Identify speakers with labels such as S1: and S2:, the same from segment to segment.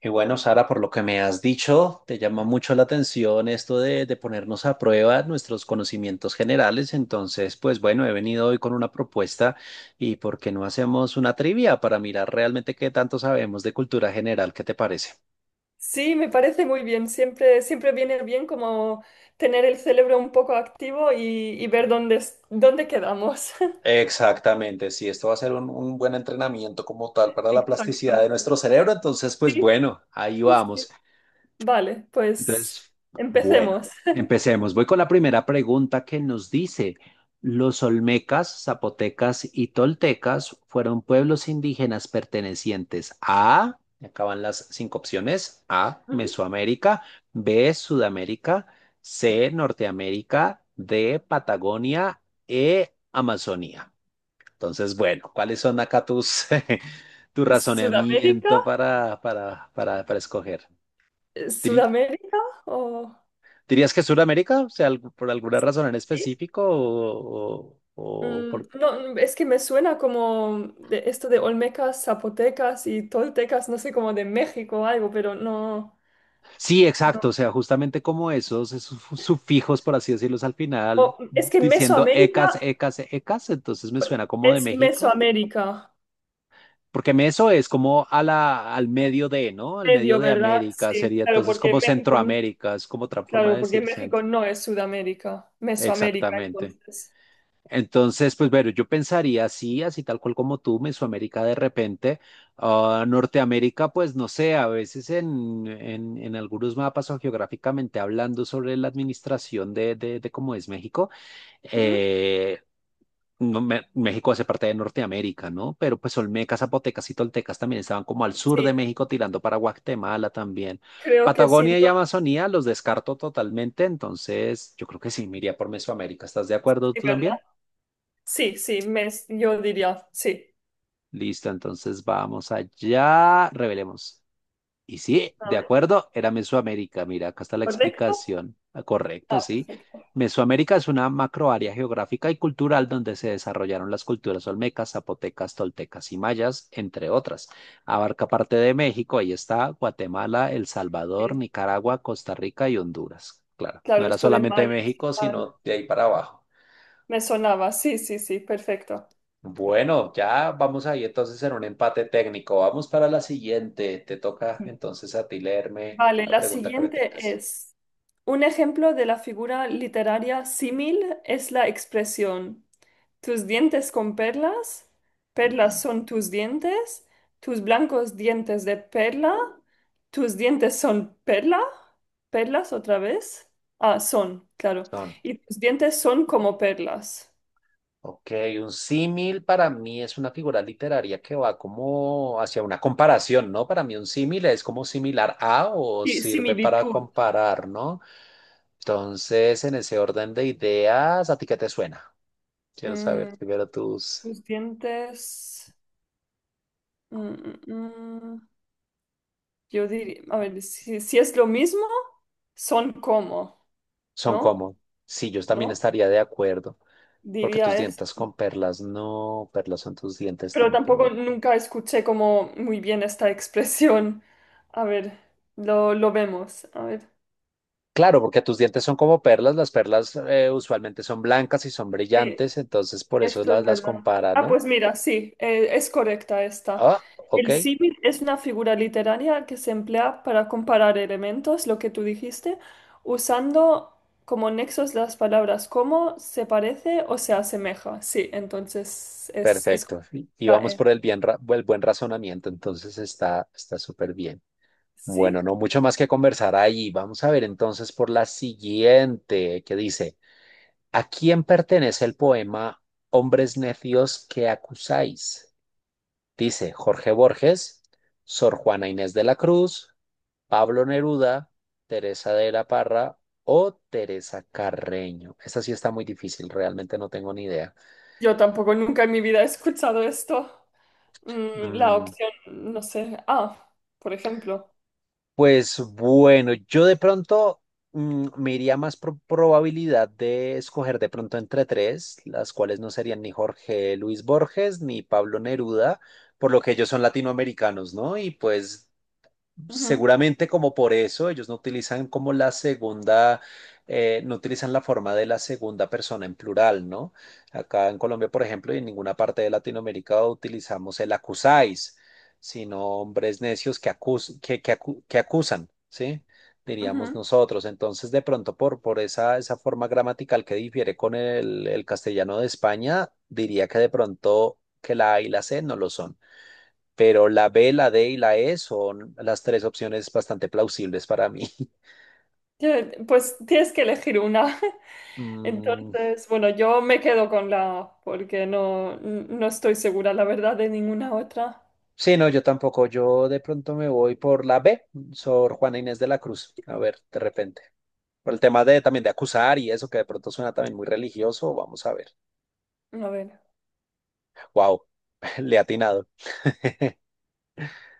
S1: Y bueno, Sara, por lo que me has dicho, te llama mucho la atención esto de ponernos a prueba nuestros conocimientos generales. Entonces, pues bueno, he venido hoy con una propuesta y ¿por qué no hacemos una trivia para mirar realmente qué tanto sabemos de cultura general? ¿Qué te parece?
S2: Sí, me parece muy bien. Siempre, siempre viene bien como tener el cerebro un poco activo y, ver dónde, dónde quedamos.
S1: Exactamente, sí, esto va a ser un buen entrenamiento como tal para la plasticidad
S2: Exacto.
S1: de nuestro cerebro, entonces pues
S2: Sí,
S1: bueno, ahí
S2: sí, sí.
S1: vamos.
S2: Vale, pues
S1: Entonces, bueno,
S2: empecemos.
S1: empecemos. Voy con la primera pregunta que nos dice, los olmecas, zapotecas y toltecas fueron pueblos indígenas pertenecientes a, acaban las cinco opciones, A,
S2: Ujú.
S1: Mesoamérica, B, Sudamérica, C, Norteamérica, D, Patagonia, E, Amazonía. Entonces, bueno, ¿cuáles son acá tu
S2: ¿Sudamérica?
S1: razonamiento para escoger? Tri-
S2: ¿Sudamérica? ¿O...
S1: ¿Dirías que Sudamérica? O sea, por alguna razón en
S2: Sí.
S1: específico o por.
S2: No, es que me suena como de esto de Olmecas, Zapotecas y Toltecas, no sé, como de México o algo, pero no.
S1: Sí,
S2: No.
S1: exacto. O sea, justamente como sufijos, por así decirlos, al final,
S2: Es que
S1: diciendo ecas,
S2: Mesoamérica
S1: ecas, ecas, entonces me suena como de
S2: es
S1: México.
S2: Mesoamérica.
S1: Porque eso es como a la, al medio de, ¿no? Al medio
S2: Medio,
S1: de
S2: ¿verdad?
S1: América,
S2: Sí,
S1: sería entonces como Centroamérica, es como otra forma de
S2: Claro, porque
S1: decir
S2: México
S1: centro.
S2: no es Sudamérica, Mesoamérica,
S1: Exactamente.
S2: entonces.
S1: Entonces, pues bueno, yo pensaría, así, así tal cual como tú, Mesoamérica de repente, ah, Norteamérica, pues no sé, a veces en algunos mapas o geográficamente hablando sobre la administración de cómo es México,
S2: Ujú.
S1: eh, no, México hace parte de Norteamérica, ¿no? Pero pues olmecas, zapotecas y toltecas también estaban como al sur de
S2: Sí,
S1: México tirando para Guatemala también.
S2: creo que sí,
S1: Patagonia y
S2: no,
S1: Amazonía los descarto totalmente, entonces yo creo que sí, me iría por Mesoamérica. ¿Estás de acuerdo
S2: sí,
S1: tú
S2: ¿verdad?
S1: también?
S2: Sí, sí, yo diría, sí.
S1: Listo, entonces vamos allá, revelemos. Y sí,
S2: A
S1: de
S2: ver,
S1: acuerdo, era Mesoamérica. Mira, acá está la
S2: ¿correcto?
S1: explicación. Ah, correcto,
S2: Ah,
S1: sí.
S2: perfecto.
S1: Mesoamérica es una macroárea geográfica y cultural donde se desarrollaron las culturas olmecas, zapotecas, toltecas y mayas, entre otras. Abarca parte de México, ahí está, Guatemala, El Salvador,
S2: Sí.
S1: Nicaragua, Costa Rica y Honduras. Claro, no
S2: Claro,
S1: era
S2: esto de
S1: solamente de
S2: mayas y
S1: México,
S2: tal,
S1: sino de ahí para abajo.
S2: me sonaba, sí, sí, sí, perfecto.
S1: Bueno, ya vamos ahí entonces en un empate técnico. Vamos para la siguiente. Te toca entonces a ti leerme
S2: Vale,
S1: la
S2: la
S1: pregunta que me
S2: siguiente
S1: tengas.
S2: es, un ejemplo de la figura literaria símil es la expresión, tus dientes con perlas,
S1: Ujú.
S2: perlas son tus dientes, tus blancos dientes de perla, tus dientes son perla, perlas otra vez, ah, son, claro,
S1: Son,
S2: y tus dientes son como perlas.
S1: ok, un símil para mí es una figura literaria que va como hacia una comparación, ¿no? Para mí un símil es como similar a o
S2: Sí,
S1: sirve para
S2: similitud.
S1: comparar, ¿no? Entonces, en ese orden de ideas, ¿a ti qué te suena? Quiero saber
S2: Mm,
S1: primero tus.
S2: Tus dientes... mm, mm, mm. Yo diría, a ver, si, si es lo mismo, son como,
S1: Son
S2: ¿no?
S1: como. Sí, yo también
S2: ¿No?
S1: estaría de acuerdo. Porque
S2: Diría
S1: tus
S2: es.
S1: dientes con perlas no, perlas son tus dientes
S2: Pero tampoco
S1: tampoco.
S2: nunca escuché como muy bien esta expresión. A ver, lo vemos. A ver.
S1: Claro, porque tus dientes son como perlas, las perlas usualmente son blancas y son
S2: Sí.
S1: brillantes, entonces por eso
S2: Esto es
S1: las
S2: verdad.
S1: compara,
S2: Ah,
S1: ¿no?
S2: pues mira, sí, es correcta esta.
S1: Ah, ok,
S2: El símil es una figura literaria que se emplea para comparar elementos, lo que tú dijiste, usando como nexos las palabras como, se parece o se asemeja. Sí, entonces es
S1: perfecto. Y
S2: la
S1: vamos
S2: E.
S1: por el buen razonamiento, entonces está súper bien. Bueno,
S2: ¿Sí?
S1: no mucho más que conversar ahí. Vamos a ver entonces por la siguiente, que dice, ¿a quién pertenece el poema Hombres necios que acusáis? Dice Jorge Borges, Sor Juana Inés de la Cruz, Pablo Neruda, Teresa de la Parra o Teresa Carreño. Esta sí está muy difícil, realmente no tengo ni idea.
S2: Yo tampoco nunca en mi vida he escuchado esto. La
S1: Mm,
S2: opción, no sé, A, por ejemplo.
S1: pues bueno, yo de pronto me iría más por probabilidad de escoger de pronto entre tres, las cuales no serían ni Jorge Luis Borges ni Pablo Neruda, por lo que ellos son latinoamericanos, ¿no? Y pues
S2: Ujú,
S1: seguramente como por eso ellos no utilizan como la segunda, no utilizan la forma de la segunda persona en plural, ¿no? Acá en Colombia, por ejemplo, y en ninguna parte de Latinoamérica utilizamos el acusáis, sino hombres necios que, acus- que acu- que acusan, ¿sí? Diríamos
S2: ujú.
S1: nosotros. Entonces, de pronto, por esa, esa forma gramatical que difiere con el castellano de España, diría que de pronto que la A y la C no lo son, pero la B, la D y la E son las tres opciones bastante plausibles para mí.
S2: Que, pues tienes que elegir una.
S1: Mm,
S2: Entonces, bueno, yo me quedo con la A porque no, no estoy segura, la verdad, de ninguna otra.
S1: sí, no, yo tampoco. Yo de pronto me voy por la B, Sor Juana Inés de la Cruz. A ver, de repente. Por el tema de también de acusar y eso que de pronto suena también muy religioso, vamos a ver.
S2: A ver,
S1: Wow, le he atinado.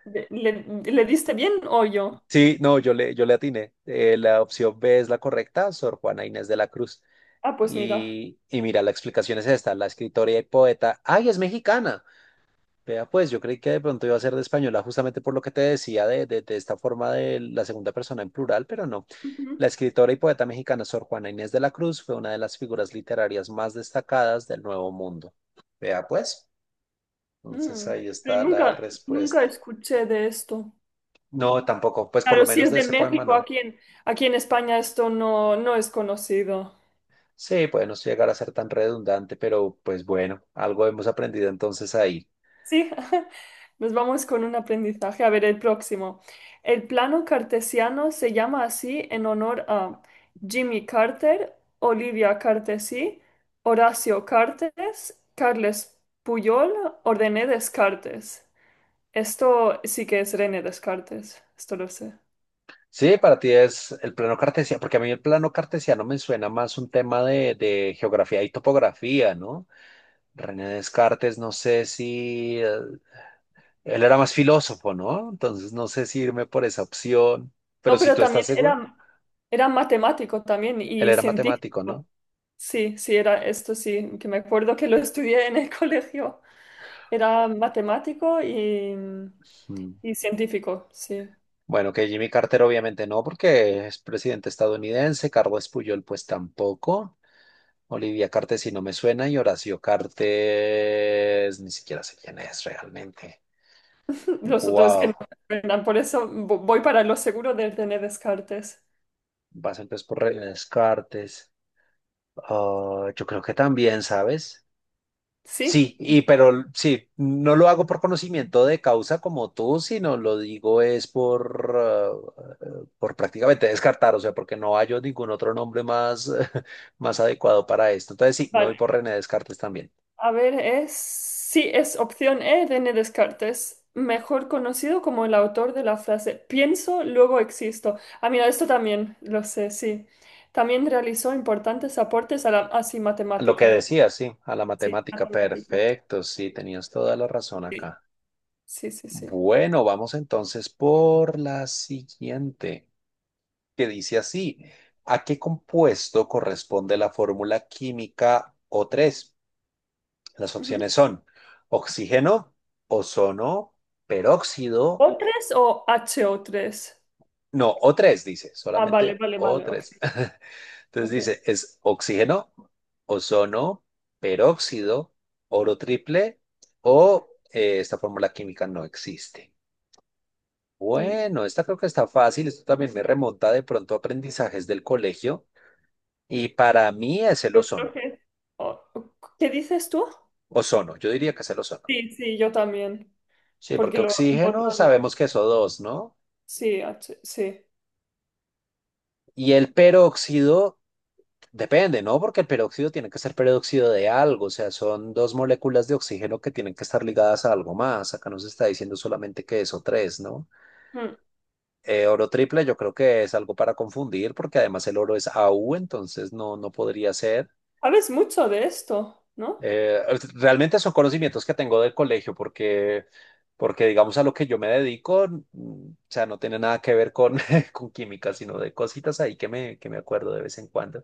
S2: ¿le, le diste bien o yo?
S1: Sí, no, yo le atiné. La opción B es la correcta, Sor Juana Inés de la Cruz.
S2: Ah, pues mira.
S1: Y mira, la explicación es esta, la escritora y poeta, ay, es mexicana. Vea, pues yo creí que de pronto iba a ser de española justamente por lo que te decía de, de esta forma de la segunda persona en plural, pero no.
S2: Ujú.
S1: La escritora y poeta mexicana Sor Juana Inés de la Cruz fue una de las figuras literarias más destacadas del Nuevo Mundo. Vea, pues, entonces
S2: Mm.
S1: ahí
S2: Pero
S1: está la
S2: nunca,
S1: respuesta.
S2: nunca escuché de esto.
S1: No, tampoco, pues por
S2: Claro,
S1: lo
S2: si
S1: menos
S2: es
S1: de
S2: de
S1: ese poema
S2: México,
S1: no.
S2: aquí en, aquí en España esto no, no es conocido.
S1: Sí, puede no llegar a ser tan redundante, pero pues bueno, algo hemos aprendido entonces ahí.
S2: Sí, nos vamos con un aprendizaje. A ver, el próximo. El plano cartesiano se llama así en honor a Jimmy Carter, Olivia Cartesí, Horacio Cartes, Carles Puyol o René Descartes. Esto sí que es René Descartes, esto lo sé.
S1: Sí, para ti es el plano cartesiano, porque a mí el plano cartesiano me suena más un tema de geografía y topografía, ¿no? René Descartes, no sé si él era más filósofo, ¿no? Entonces no sé si irme por esa opción, pero
S2: No,
S1: si
S2: pero
S1: tú estás
S2: también
S1: segura,
S2: era, era matemático también
S1: él
S2: y
S1: era matemático, ¿no?
S2: científico. Sí, sí, era esto sí, que me acuerdo que lo estudié en el colegio. Era matemático
S1: Mm.
S2: y científico, sí.
S1: Bueno, que Jimmy Carter obviamente no, porque es presidente estadounidense, Carlos Puyol pues tampoco, Olivia Cartes si no me suena y Horacio Cartes ni siquiera sé quién es realmente.
S2: Los otros que no
S1: Wow.
S2: me suenan, por eso voy para lo seguro de tener Descartes.
S1: Vas entonces por Reina Descartes. Ah, yo creo que también, ¿sabes?
S2: ¿Sí?
S1: Sí, y pero sí, no lo hago por conocimiento de causa como tú, sino lo digo es por prácticamente descartar, o sea, porque no hallo ningún otro nombre más, más adecuado para esto. Entonces sí, me
S2: Vale.
S1: voy por René Descartes también.
S2: A ver, es... Sí, es opción E, René Descartes, mejor conocido como el autor de la frase pienso, luego existo. Ah, mira, esto también lo sé, sí. También realizó importantes aportes a la... Ah, sí,
S1: Lo que
S2: matemática.
S1: decías, sí, a la
S2: Sí,
S1: matemática,
S2: matemático.
S1: perfecto, sí, tenías toda la razón acá.
S2: Sí, sí, sí, sí.
S1: Bueno, vamos entonces por la siguiente, que dice así, ¿a qué compuesto corresponde la fórmula química O3? Las
S2: Ujú.
S1: opciones son oxígeno, ozono, peróxido,
S2: ¿O3 o HO3?
S1: no, O3 dice,
S2: Ah, vale,
S1: solamente
S2: vale, vale, ok,
S1: O3. Entonces
S2: ok.
S1: dice, es oxígeno, ozono, peróxido, oro triple o esta fórmula química no existe.
S2: Mm.
S1: Bueno, esta creo que está fácil, esto también me remonta de pronto a aprendizajes del colegio y para mí es el
S2: Yo creo
S1: ozono.
S2: que... o- o- ¿Qué dices tú?
S1: Ozono, yo diría que es el ozono.
S2: Sí, sí, yo también,
S1: Sí,
S2: porque
S1: porque
S2: lo
S1: oxígeno
S2: otro...
S1: sabemos que es O2, ¿no?
S2: Sí, sí.
S1: Y el peróxido, depende, ¿no? Porque el peróxido tiene que ser peróxido de algo, o sea, son dos moléculas de oxígeno que tienen que estar ligadas a algo más. Acá nos está diciendo solamente que es O3, ¿no?
S2: Mm.
S1: Oro triple yo creo que es algo para confundir, porque además el oro es AU, entonces no, no podría ser.
S2: Sabes mucho de esto, ¿no?
S1: Eh, realmente son conocimientos que tengo del colegio, porque, porque digamos a lo que yo me dedico, o sea, no tiene nada que ver con, con química, sino de cositas ahí que me acuerdo de vez en cuando.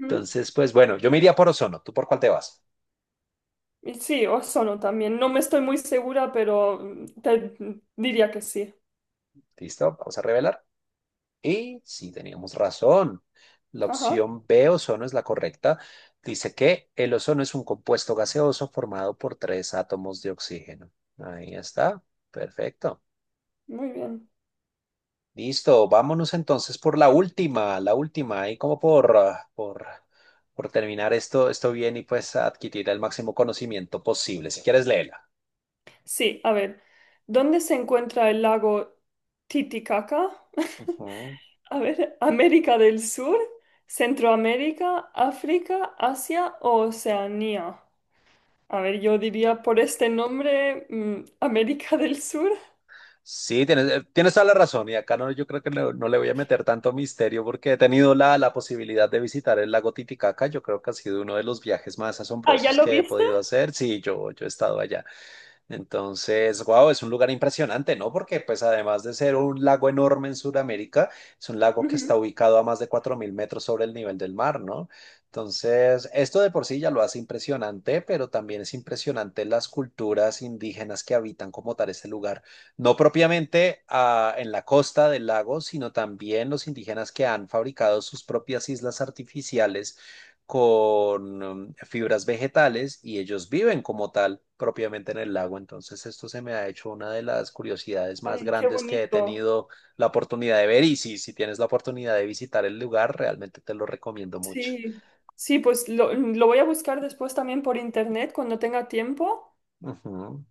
S2: Mm.
S1: Entonces, pues bueno, yo me iría por ozono. ¿Tú por cuál te vas?
S2: Y sí, ozono también. No me estoy muy segura, pero te diría que sí.
S1: ¿Listo? Vamos a revelar. Y sí, teníamos razón. La
S2: Ajá,
S1: opción B, ozono, es la correcta. Dice que el ozono es un compuesto gaseoso formado por tres átomos de oxígeno. Ahí está. Perfecto.
S2: muy bien.
S1: Listo, vámonos entonces por la última, ahí como por terminar esto bien y pues adquirir el máximo conocimiento posible. Si quieres, léela.
S2: Sí, a ver, ¿dónde se encuentra el lago Titicaca?
S1: Ujú.
S2: A ver, América del Sur, Centroamérica, África, Asia o Oceanía. A ver, yo diría por este nombre, América del Sur.
S1: Sí, tienes, tienes toda la razón y acá no, yo creo que no, no le voy a meter tanto misterio porque he tenido la posibilidad de visitar el lago Titicaca. Yo creo que ha sido uno de los viajes más
S2: Ah, ¿ya
S1: asombrosos
S2: lo
S1: que he
S2: viste?
S1: podido hacer. Sí, yo he estado allá. Entonces, wow, es un lugar impresionante, ¿no? Porque pues además de ser un lago enorme en Sudamérica, es un lago que
S2: Ujú.
S1: está ubicado a más de 4.000 metros sobre el nivel del mar, ¿no? Entonces, esto de por sí ya lo hace impresionante, pero también es impresionante las culturas indígenas que habitan como tal este lugar, no propiamente en la costa del lago, sino también los indígenas que han fabricado sus propias islas artificiales con fibras vegetales y ellos viven como tal propiamente en el lago. Entonces esto se me ha hecho una de las curiosidades más
S2: Ay, qué
S1: grandes que he
S2: bonito.
S1: tenido la oportunidad de ver y si tienes la oportunidad de visitar el lugar, realmente te lo recomiendo mucho.
S2: Sí, sí, pues lo voy a buscar después también por internet cuando tenga tiempo
S1: Ujú.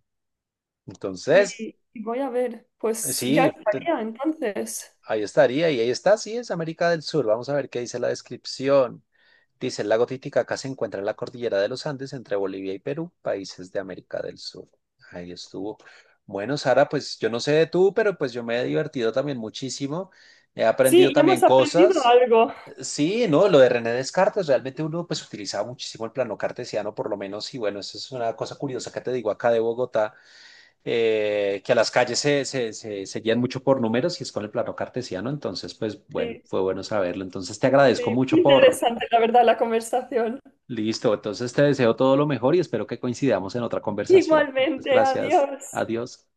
S1: Entonces,
S2: y voy a ver. Pues ya
S1: sí,
S2: estaría entonces.
S1: ahí estaría, y ahí está, sí, es América del Sur. Vamos a ver qué dice la descripción. Dice, el lago Titicaca se encuentra en la cordillera de los Andes entre Bolivia y Perú, países de América del Sur. Ahí estuvo. Bueno, Sara, pues yo no sé de tú, pero pues yo me he divertido también muchísimo. He aprendido
S2: Sí, ya
S1: también
S2: hemos aprendido
S1: cosas.
S2: algo.
S1: Sí, no, lo de René Descartes, realmente uno pues utilizaba muchísimo el plano cartesiano, por lo menos, y bueno, eso es una cosa curiosa que te digo acá de Bogotá que a las calles se guían mucho por números y es con el plano cartesiano. Entonces, pues bueno,
S2: Sí,
S1: fue bueno saberlo. Entonces, te agradezco
S2: sí,
S1: mucho por.
S2: interesante la verdad la conversación.
S1: Listo, entonces te deseo todo lo mejor y espero que coincidamos en otra conversación. Muchas
S2: Igualmente,
S1: gracias.
S2: adiós.
S1: Adiós.